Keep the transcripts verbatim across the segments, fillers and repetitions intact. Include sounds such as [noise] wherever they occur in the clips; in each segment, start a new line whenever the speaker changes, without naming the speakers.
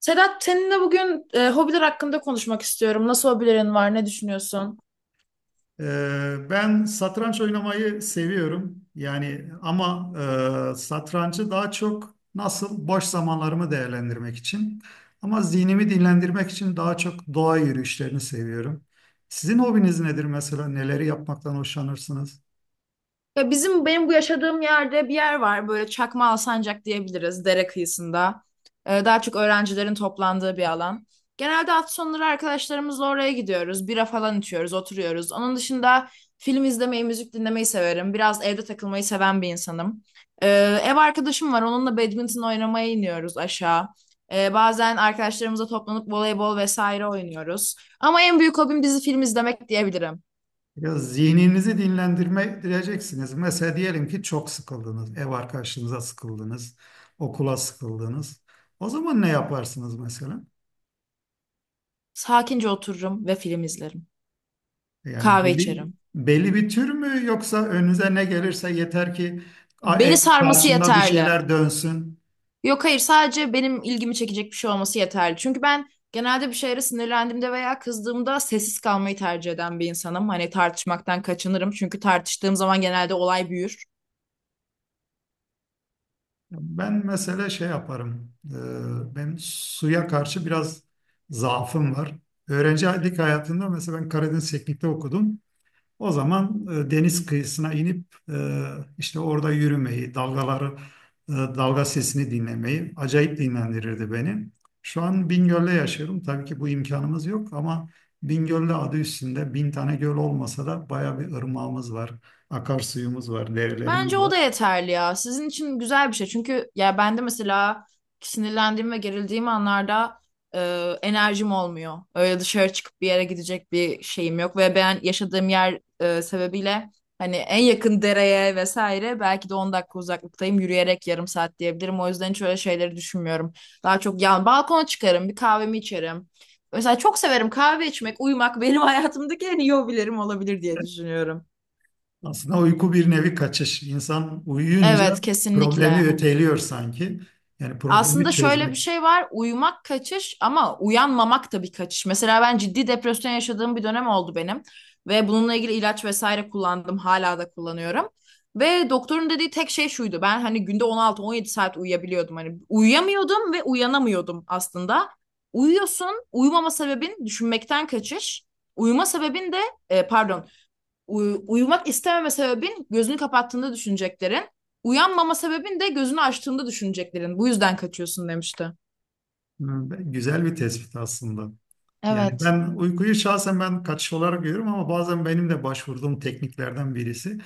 Sedat, seninle bugün e, hobiler hakkında konuşmak istiyorum. Nasıl hobilerin var? Ne düşünüyorsun?
Ee, Ben satranç oynamayı seviyorum. Yani ama e, satrancı daha çok nasıl boş zamanlarımı değerlendirmek için ama zihnimi dinlendirmek için daha çok doğa yürüyüşlerini seviyorum. Sizin hobiniz nedir mesela? Neleri yapmaktan hoşlanırsınız?
Ya bizim benim bu yaşadığım yerde bir yer var böyle Çakma Alsancak diyebiliriz, dere kıyısında. Ee, daha çok öğrencilerin toplandığı bir alan. Genelde hafta sonları arkadaşlarımızla oraya gidiyoruz. Bira falan içiyoruz, oturuyoruz. Onun dışında film izlemeyi, müzik dinlemeyi severim. Biraz evde takılmayı seven bir insanım. Ee, Ev arkadaşım var. Onunla badminton oynamaya iniyoruz aşağı. Ee, bazen arkadaşlarımızla toplanıp voleybol vesaire oynuyoruz. Ama en büyük hobim dizi film izlemek diyebilirim.
Ya zihninizi dinlendireceksiniz. Mesela diyelim ki çok sıkıldınız, ev arkadaşınıza sıkıldınız, okula sıkıldınız. O zaman ne yaparsınız mesela?
Sakince otururum ve film izlerim.
Yani
Kahve
belli,
içerim.
belli bir tür mü yoksa önünüze ne gelirse yeter ki a-
Beni
e,
sarması
karşında bir
yeterli.
şeyler dönsün.
Yok hayır, sadece benim ilgimi çekecek bir şey olması yeterli. Çünkü ben genelde bir şeylere sinirlendiğimde veya kızdığımda sessiz kalmayı tercih eden bir insanım. Hani tartışmaktan kaçınırım. Çünkü tartıştığım zaman genelde olay büyür.
Ben mesela şey yaparım. e, Benim suya karşı biraz zaafım var. Öğrencilik hayatında mesela ben Karadeniz Teknik'te okudum. O zaman e, deniz kıyısına inip e, işte orada yürümeyi, dalgaları, e, dalga sesini dinlemeyi acayip dinlendirirdi beni. Şu an Bingöl'de yaşıyorum. Tabii ki bu imkanımız yok ama Bingöl'de adı üstünde bin tane göl olmasa da baya bir ırmağımız var, akarsuyumuz var,
Bence
derelerimiz
o da
var.
yeterli ya. Sizin için güzel bir şey. Çünkü ya ben de mesela sinirlendiğim ve gerildiğim anlarda e, enerjim olmuyor. Öyle dışarı çıkıp bir yere gidecek bir şeyim yok ve ben yaşadığım yer e, sebebiyle hani en yakın dereye vesaire belki de on dakika uzaklıktayım. Yürüyerek yarım saat diyebilirim. O yüzden hiç öyle şeyleri düşünmüyorum. Daha çok yan balkona çıkarım, bir kahvemi içerim. Mesela çok severim kahve içmek, uyumak benim [laughs] hayatımdaki en iyi hobilerim olabilir diye düşünüyorum.
Aslında uyku bir nevi kaçış. İnsan uyuyunca
Evet,
problemi
kesinlikle.
öteliyor sanki. Yani problemi
Aslında şöyle bir
çözmek
şey var. Uyumak kaçış ama uyanmamak da bir kaçış. Mesela ben ciddi depresyon yaşadığım bir dönem oldu benim. Ve bununla ilgili ilaç vesaire kullandım. Hala da kullanıyorum. Ve doktorun dediği tek şey şuydu. Ben hani günde on altı on yedi saat uyuyabiliyordum. Hani uyuyamıyordum ve uyanamıyordum aslında. Uyuyorsun. Uyumama sebebin düşünmekten kaçış. Uyuma sebebin de, e, pardon, Uy- uyumak istememe sebebin gözünü kapattığında düşüneceklerin. Uyanmama sebebin de gözünü açtığında düşüneceklerin. Bu yüzden kaçıyorsun demişti.
e, güzel bir tespit aslında. Yani
Evet.
ben uykuyu şahsen ben kaçış olarak görüyorum ama bazen benim de başvurduğum tekniklerden birisi.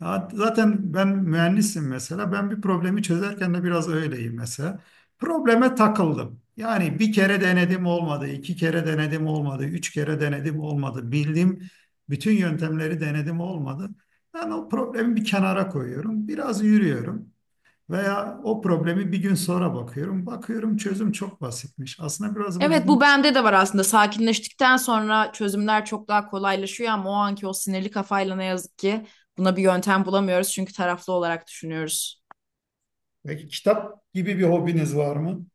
Ya zaten ben mühendisim mesela. Ben bir problemi çözerken de biraz öyleyim mesela. Probleme takıldım. Yani bir kere denedim olmadı, iki kere denedim olmadı, üç kere denedim olmadı. Bildiğim bütün yöntemleri denedim olmadı. Ben o problemi bir kenara koyuyorum. Biraz yürüyorum. Veya o problemi bir gün sonra bakıyorum. Bakıyorum çözüm çok basitmiş. Aslında biraz bu
Evet, bu
bizim...
bende de var aslında. Sakinleştikten sonra çözümler çok daha kolaylaşıyor ama o anki o sinirli kafayla ne yazık ki buna bir yöntem bulamıyoruz çünkü taraflı olarak düşünüyoruz.
Peki kitap gibi bir hobiniz var mı?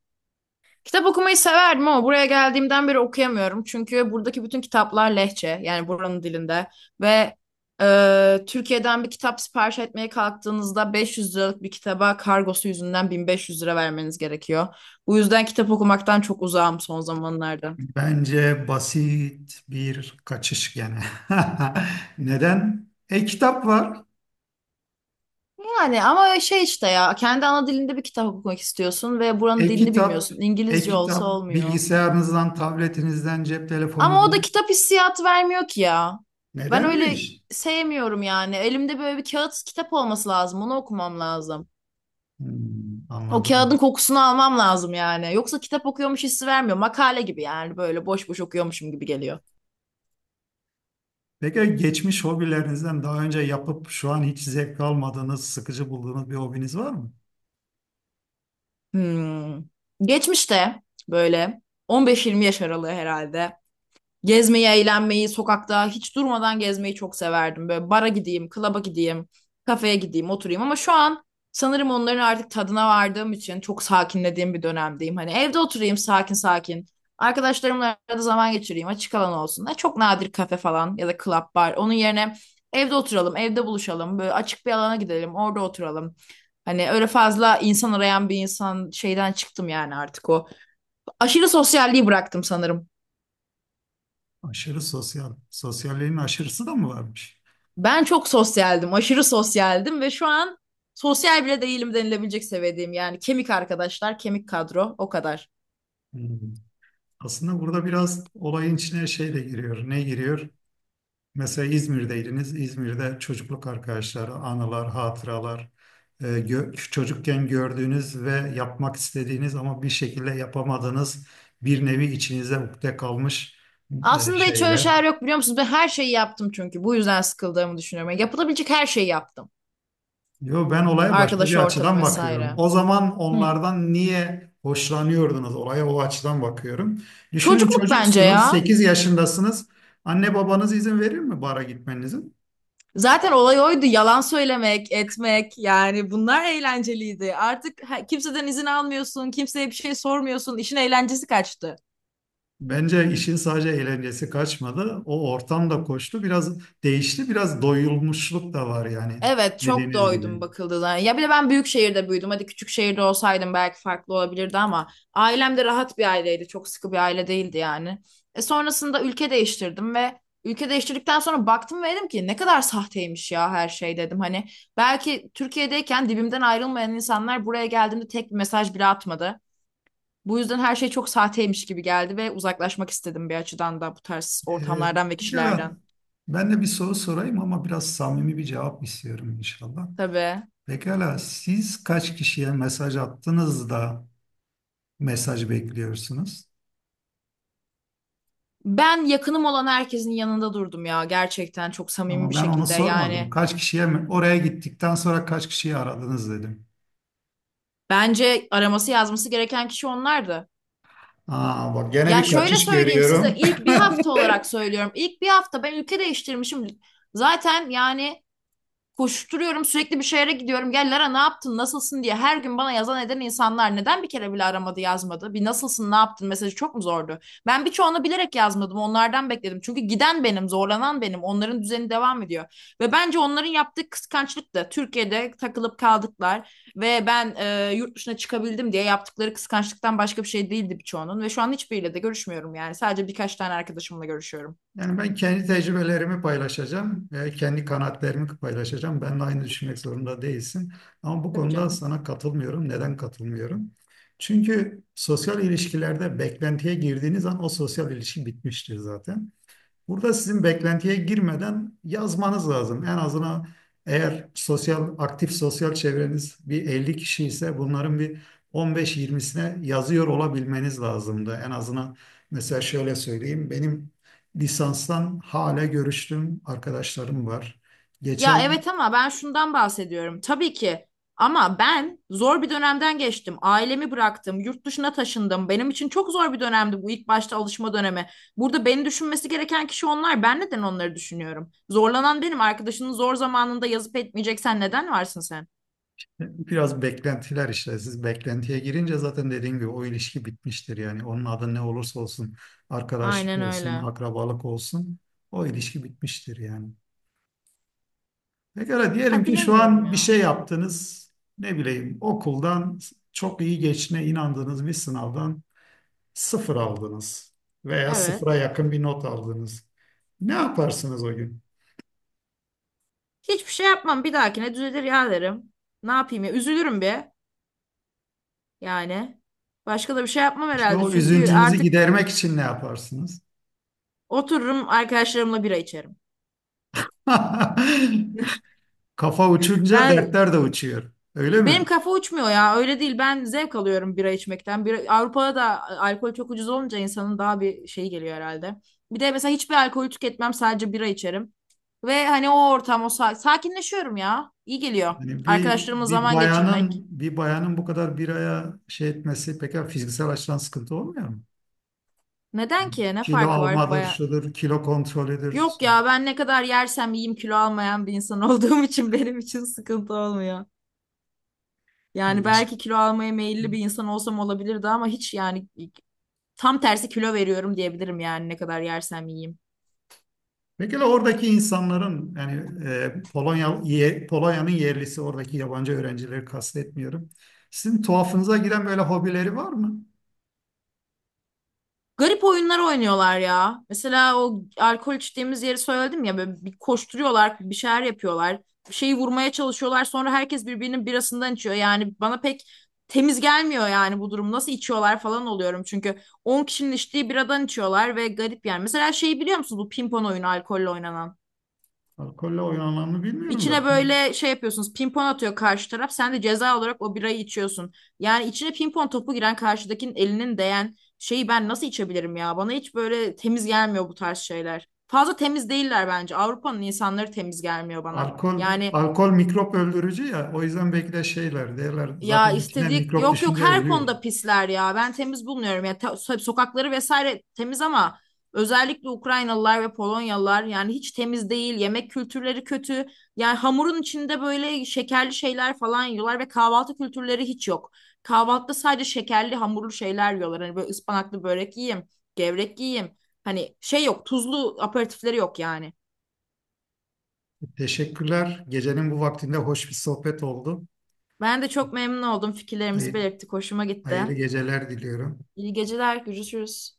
Kitap okumayı severdim ama buraya geldiğimden beri okuyamıyorum. Çünkü buradaki bütün kitaplar lehçe, yani buranın dilinde. Ve e, Türkiye'den bir kitap sipariş etmeye kalktığınızda beş yüz liralık bir kitaba kargosu yüzünden bin beş yüz lira vermeniz gerekiyor. Bu yüzden kitap okumaktan çok uzağım son zamanlarda.
Bence basit bir kaçış gene. [laughs] Neden? E-kitap var.
Yani ama şey işte ya, kendi ana dilinde bir kitap okumak istiyorsun ve buranın dilini
E-kitap,
bilmiyorsun. İngilizce olsa
e-kitap
olmuyor.
bilgisayarınızdan, tabletinizden, cep
Ama o da
telefonunuzdan.
kitap hissiyatı vermiyor ki ya. Ben öyle
Nedenmiş?
sevmiyorum yani. Elimde böyle bir kağıt kitap olması lazım. Onu okumam lazım.
Hmm,
O kağıdın
anladım.
kokusunu almam lazım yani. Yoksa kitap okuyormuş hissi vermiyor. Makale gibi yani, böyle boş boş okuyormuşum gibi geliyor.
Peki geçmiş hobilerinizden daha önce yapıp şu an hiç zevk almadığınız, sıkıcı bulduğunuz bir hobiniz var mı?
Hmm. Geçmişte böyle on beş yirmi yaş aralığı herhalde. Gezmeyi, eğlenmeyi, sokakta hiç durmadan gezmeyi çok severdim. Böyle bara gideyim, klaba gideyim, kafeye gideyim, oturayım. Ama şu an sanırım onların artık tadına vardığım için çok sakinlediğim bir dönemdeyim. Hani evde oturayım sakin sakin. Arkadaşlarımla arada zaman geçireyim, açık alan olsun. Ha, çok nadir kafe falan ya da club bar. Onun yerine evde oturalım, evde buluşalım. Böyle açık bir alana gidelim, orada oturalım. Hani öyle fazla insan arayan bir insan şeyden çıktım yani artık o. Aşırı sosyalliği bıraktım sanırım.
Aşırı sosyal. Sosyalliğin aşırısı da mı varmış?
Ben çok sosyaldim, aşırı sosyaldim ve şu an sosyal bile değilim denilebilecek seviyedeyim. Yani kemik arkadaşlar, kemik kadro, o kadar.
Hmm. Aslında burada biraz olayın içine şey de giriyor. Ne giriyor? Mesela İzmir'deydiniz. İzmir'de çocukluk arkadaşları, anılar, hatıralar, e, gö- çocukken gördüğünüz ve yapmak istediğiniz ama bir şekilde yapamadığınız bir nevi içinize ukde kalmış e,
Aslında hiç öyle
şeyler.
şeyler yok biliyor musunuz? Ben her şeyi yaptım çünkü. Bu yüzden sıkıldığımı düşünüyorum. Yani yapılabilecek her şeyi yaptım.
Yo, ben olaya başka bir
Arkadaş ortamı
açıdan bakıyorum.
vesaire.
O zaman
Hı.
onlardan niye hoşlanıyordunuz? Olaya o açıdan bakıyorum. Düşünün
Çocukluk bence
çocuksunuz,
ya.
sekiz yaşındasınız. Anne babanız izin verir mi bara gitmenize?
Zaten olay oydu. Yalan söylemek, etmek, yani bunlar eğlenceliydi. Artık ha- kimseden izin almıyorsun, kimseye bir şey sormuyorsun. İşin eğlencesi kaçtı.
Bence işin sadece eğlencesi kaçmadı. O ortam da koştu. Biraz değişti. Biraz doyulmuşluk da var yani
Evet, çok
dediğiniz gibi.
doydum bakıldığına. Ya bir de ben büyük şehirde büyüdüm. Hadi küçük şehirde olsaydım belki farklı olabilirdi ama ailem de rahat bir aileydi. Çok sıkı bir aile değildi yani. E sonrasında ülke değiştirdim ve ülke değiştirdikten sonra baktım ve dedim ki ne kadar sahteymiş ya her şey dedim. Hani belki Türkiye'deyken dibimden ayrılmayan insanlar buraya geldiğimde tek bir mesaj bile atmadı. Bu yüzden her şey çok sahteymiş gibi geldi ve uzaklaşmak istedim bir açıdan da bu tarz
Ee,
ortamlardan ve
Pekala.
kişilerden.
Ben de bir soru sorayım ama biraz samimi bir cevap istiyorum inşallah.
Tabii.
Pekala siz kaç kişiye mesaj attınız da mesaj bekliyorsunuz?
Ben yakınım olan herkesin yanında durdum ya, gerçekten çok samimi
Ama
bir
ben onu
şekilde.
sormadım.
Yani
Kaç kişiye mi? Oraya gittikten sonra kaç kişiyi aradınız dedim.
bence araması yazması gereken kişi onlardı.
Aa, bak gene
Ya
bir
şöyle
kaçış
söyleyeyim size,
görüyorum.
ilk bir hafta
[laughs]
olarak söylüyorum. İlk bir hafta ben ülke değiştirmişim. Zaten yani koşturuyorum, sürekli bir şehre gidiyorum. Gel Lara ne yaptın nasılsın diye her gün bana yazan eden insanlar neden bir kere bile aramadı, yazmadı? Bir nasılsın ne yaptın mesajı çok mu zordu? Ben birçoğunu bilerek yazmadım, onlardan bekledim. Çünkü giden benim, zorlanan benim, onların düzeni devam ediyor. Ve bence onların yaptığı kıskançlık da Türkiye'de takılıp kaldıklar ve ben e, yurt dışına çıkabildim diye yaptıkları kıskançlıktan başka bir şey değildi birçoğunun. Ve şu an hiçbiriyle de görüşmüyorum yani, sadece birkaç tane arkadaşımla görüşüyorum.
Yani ben kendi tecrübelerimi paylaşacağım ve kendi kanaatlerimi paylaşacağım. Benimle aynı düşünmek zorunda değilsin. Ama bu
Tabii
konuda
canım.
sana katılmıyorum. Neden katılmıyorum? Çünkü sosyal ilişkilerde beklentiye girdiğiniz an o sosyal ilişki bitmiştir zaten. Burada sizin beklentiye girmeden yazmanız lazım. En azından eğer sosyal aktif sosyal çevreniz bir elli kişi ise bunların bir on beş yirmisine yazıyor olabilmeniz lazımdı. En azından mesela şöyle söyleyeyim. Benim lisanstan hala görüştüğüm arkadaşlarım var.
Ya
Geçen
evet, ama ben şundan bahsediyorum. Tabii ki ama ben zor bir dönemden geçtim. Ailemi bıraktım, yurt dışına taşındım. Benim için çok zor bir dönemdi bu, ilk başta alışma dönemi. Burada beni düşünmesi gereken kişi onlar. Ben neden onları düşünüyorum? Zorlanan benim. Arkadaşının zor zamanında yazıp etmeyeceksen neden varsın sen?
biraz beklentiler işte. Siz beklentiye girince zaten dediğim gibi o ilişki bitmiştir. Yani onun adı ne olursa olsun, arkadaşlık
Aynen
olsun,
öyle.
akrabalık olsun o ilişki bitmiştir yani. Pekala diyelim
Ha
ki şu
bilemiyorum
an bir şey
ya.
yaptınız. Ne bileyim okuldan çok iyi geçine inandığınız bir sınavdan sıfır aldınız veya sıfıra
Evet.
yakın bir not aldınız. Ne yaparsınız o gün?
Hiçbir şey yapmam. Bir dahakine düzelir ya derim. Ne yapayım ya? Üzülürüm bir. Yani. Başka da bir şey yapmam
İşte
herhalde.
o
Çünkü
üzüntünüzü
artık
gidermek için ne yaparsınız?
otururum arkadaşlarımla bira içerim.
[laughs] Kafa uçunca
Ben
dertler de uçuyor. Öyle
benim
mi?
kafa uçmuyor ya, öyle değil, ben zevk alıyorum bira içmekten. Bir, Avrupa'da da alkol çok ucuz olunca insanın daha bir şeyi geliyor herhalde. Bir de mesela hiçbir alkol tüketmem, sadece bira içerim. Ve hani o ortam, o sa- sakinleşiyorum ya. İyi geliyor.
Yani bir
Arkadaşlarımla
bir
zaman geçirmek.
bayanın bir bayanın bu kadar bir aya şey etmesi pek fiziksel açıdan sıkıntı olmuyor mu?
Neden ki? Ne
Kilo
farkı var?
almadır,
Baya...
şudur, kilo kontrolüdür.
Yok ya, ben ne kadar yersem yiyeyim kilo almayan bir insan olduğum için [laughs] benim için sıkıntı olmuyor. Yani
İyiymiş.
belki kilo almaya meyilli bir insan olsam olabilirdi ama hiç yani. Tam tersi kilo veriyorum diyebilirim yani, ne kadar yersem yiyeyim.
Peki oradaki insanların yani e, Polonya ye- Polonya'nın yerlisi oradaki yabancı öğrencileri kastetmiyorum. Sizin tuhafınıza giren böyle hobileri var mı?
Garip oyunlar oynuyorlar ya. Mesela o alkol içtiğimiz yeri söyledim ya, böyle bir koşturuyorlar, bir şeyler yapıyorlar. Bir şeyi vurmaya çalışıyorlar. Sonra herkes birbirinin birasından içiyor. Yani bana pek temiz gelmiyor yani bu durum. Nasıl içiyorlar falan oluyorum. Çünkü on kişinin içtiği biradan içiyorlar ve garip yani. Mesela şeyi biliyor musun, bu pimpon oyunu alkolle oynanan?
Alkolle oynananı bilmiyorum da.
İçine böyle şey yapıyorsunuz. Pimpon atıyor karşı taraf. Sen de ceza olarak o birayı içiyorsun. Yani içine pimpon topu giren, karşıdakinin elinin değen şeyi ben nasıl içebilirim ya? Bana hiç böyle temiz gelmiyor bu tarz şeyler. Fazla temiz değiller bence. Avrupa'nın insanları temiz gelmiyor bana.
Alkol
Yani
alkol mikrop öldürücü ya o yüzden belki de şeyler derler
ya,
zaten içine
istedik,
mikrop
yok yok
düşünce
her
ölüyor.
konuda pisler ya. Ben temiz bulmuyorum. Ya ta- so- sokakları vesaire temiz ama özellikle Ukraynalılar ve Polonyalılar yani hiç temiz değil. Yemek kültürleri kötü. Yani hamurun içinde böyle şekerli şeyler falan yiyorlar ve kahvaltı kültürleri hiç yok. Kahvaltıda sadece şekerli hamurlu şeyler yiyorlar. Hani böyle ıspanaklı börek yiyeyim, gevrek yiyeyim. Hani şey yok, tuzlu aperatifleri yok yani.
Teşekkürler. Gecenin bu vaktinde hoş bir sohbet oldu.
Ben de çok memnun oldum. Fikirlerimizi
Hayır,
belirttik. Hoşuma gitti.
hayırlı geceler diliyorum.
İyi geceler. Görüşürüz.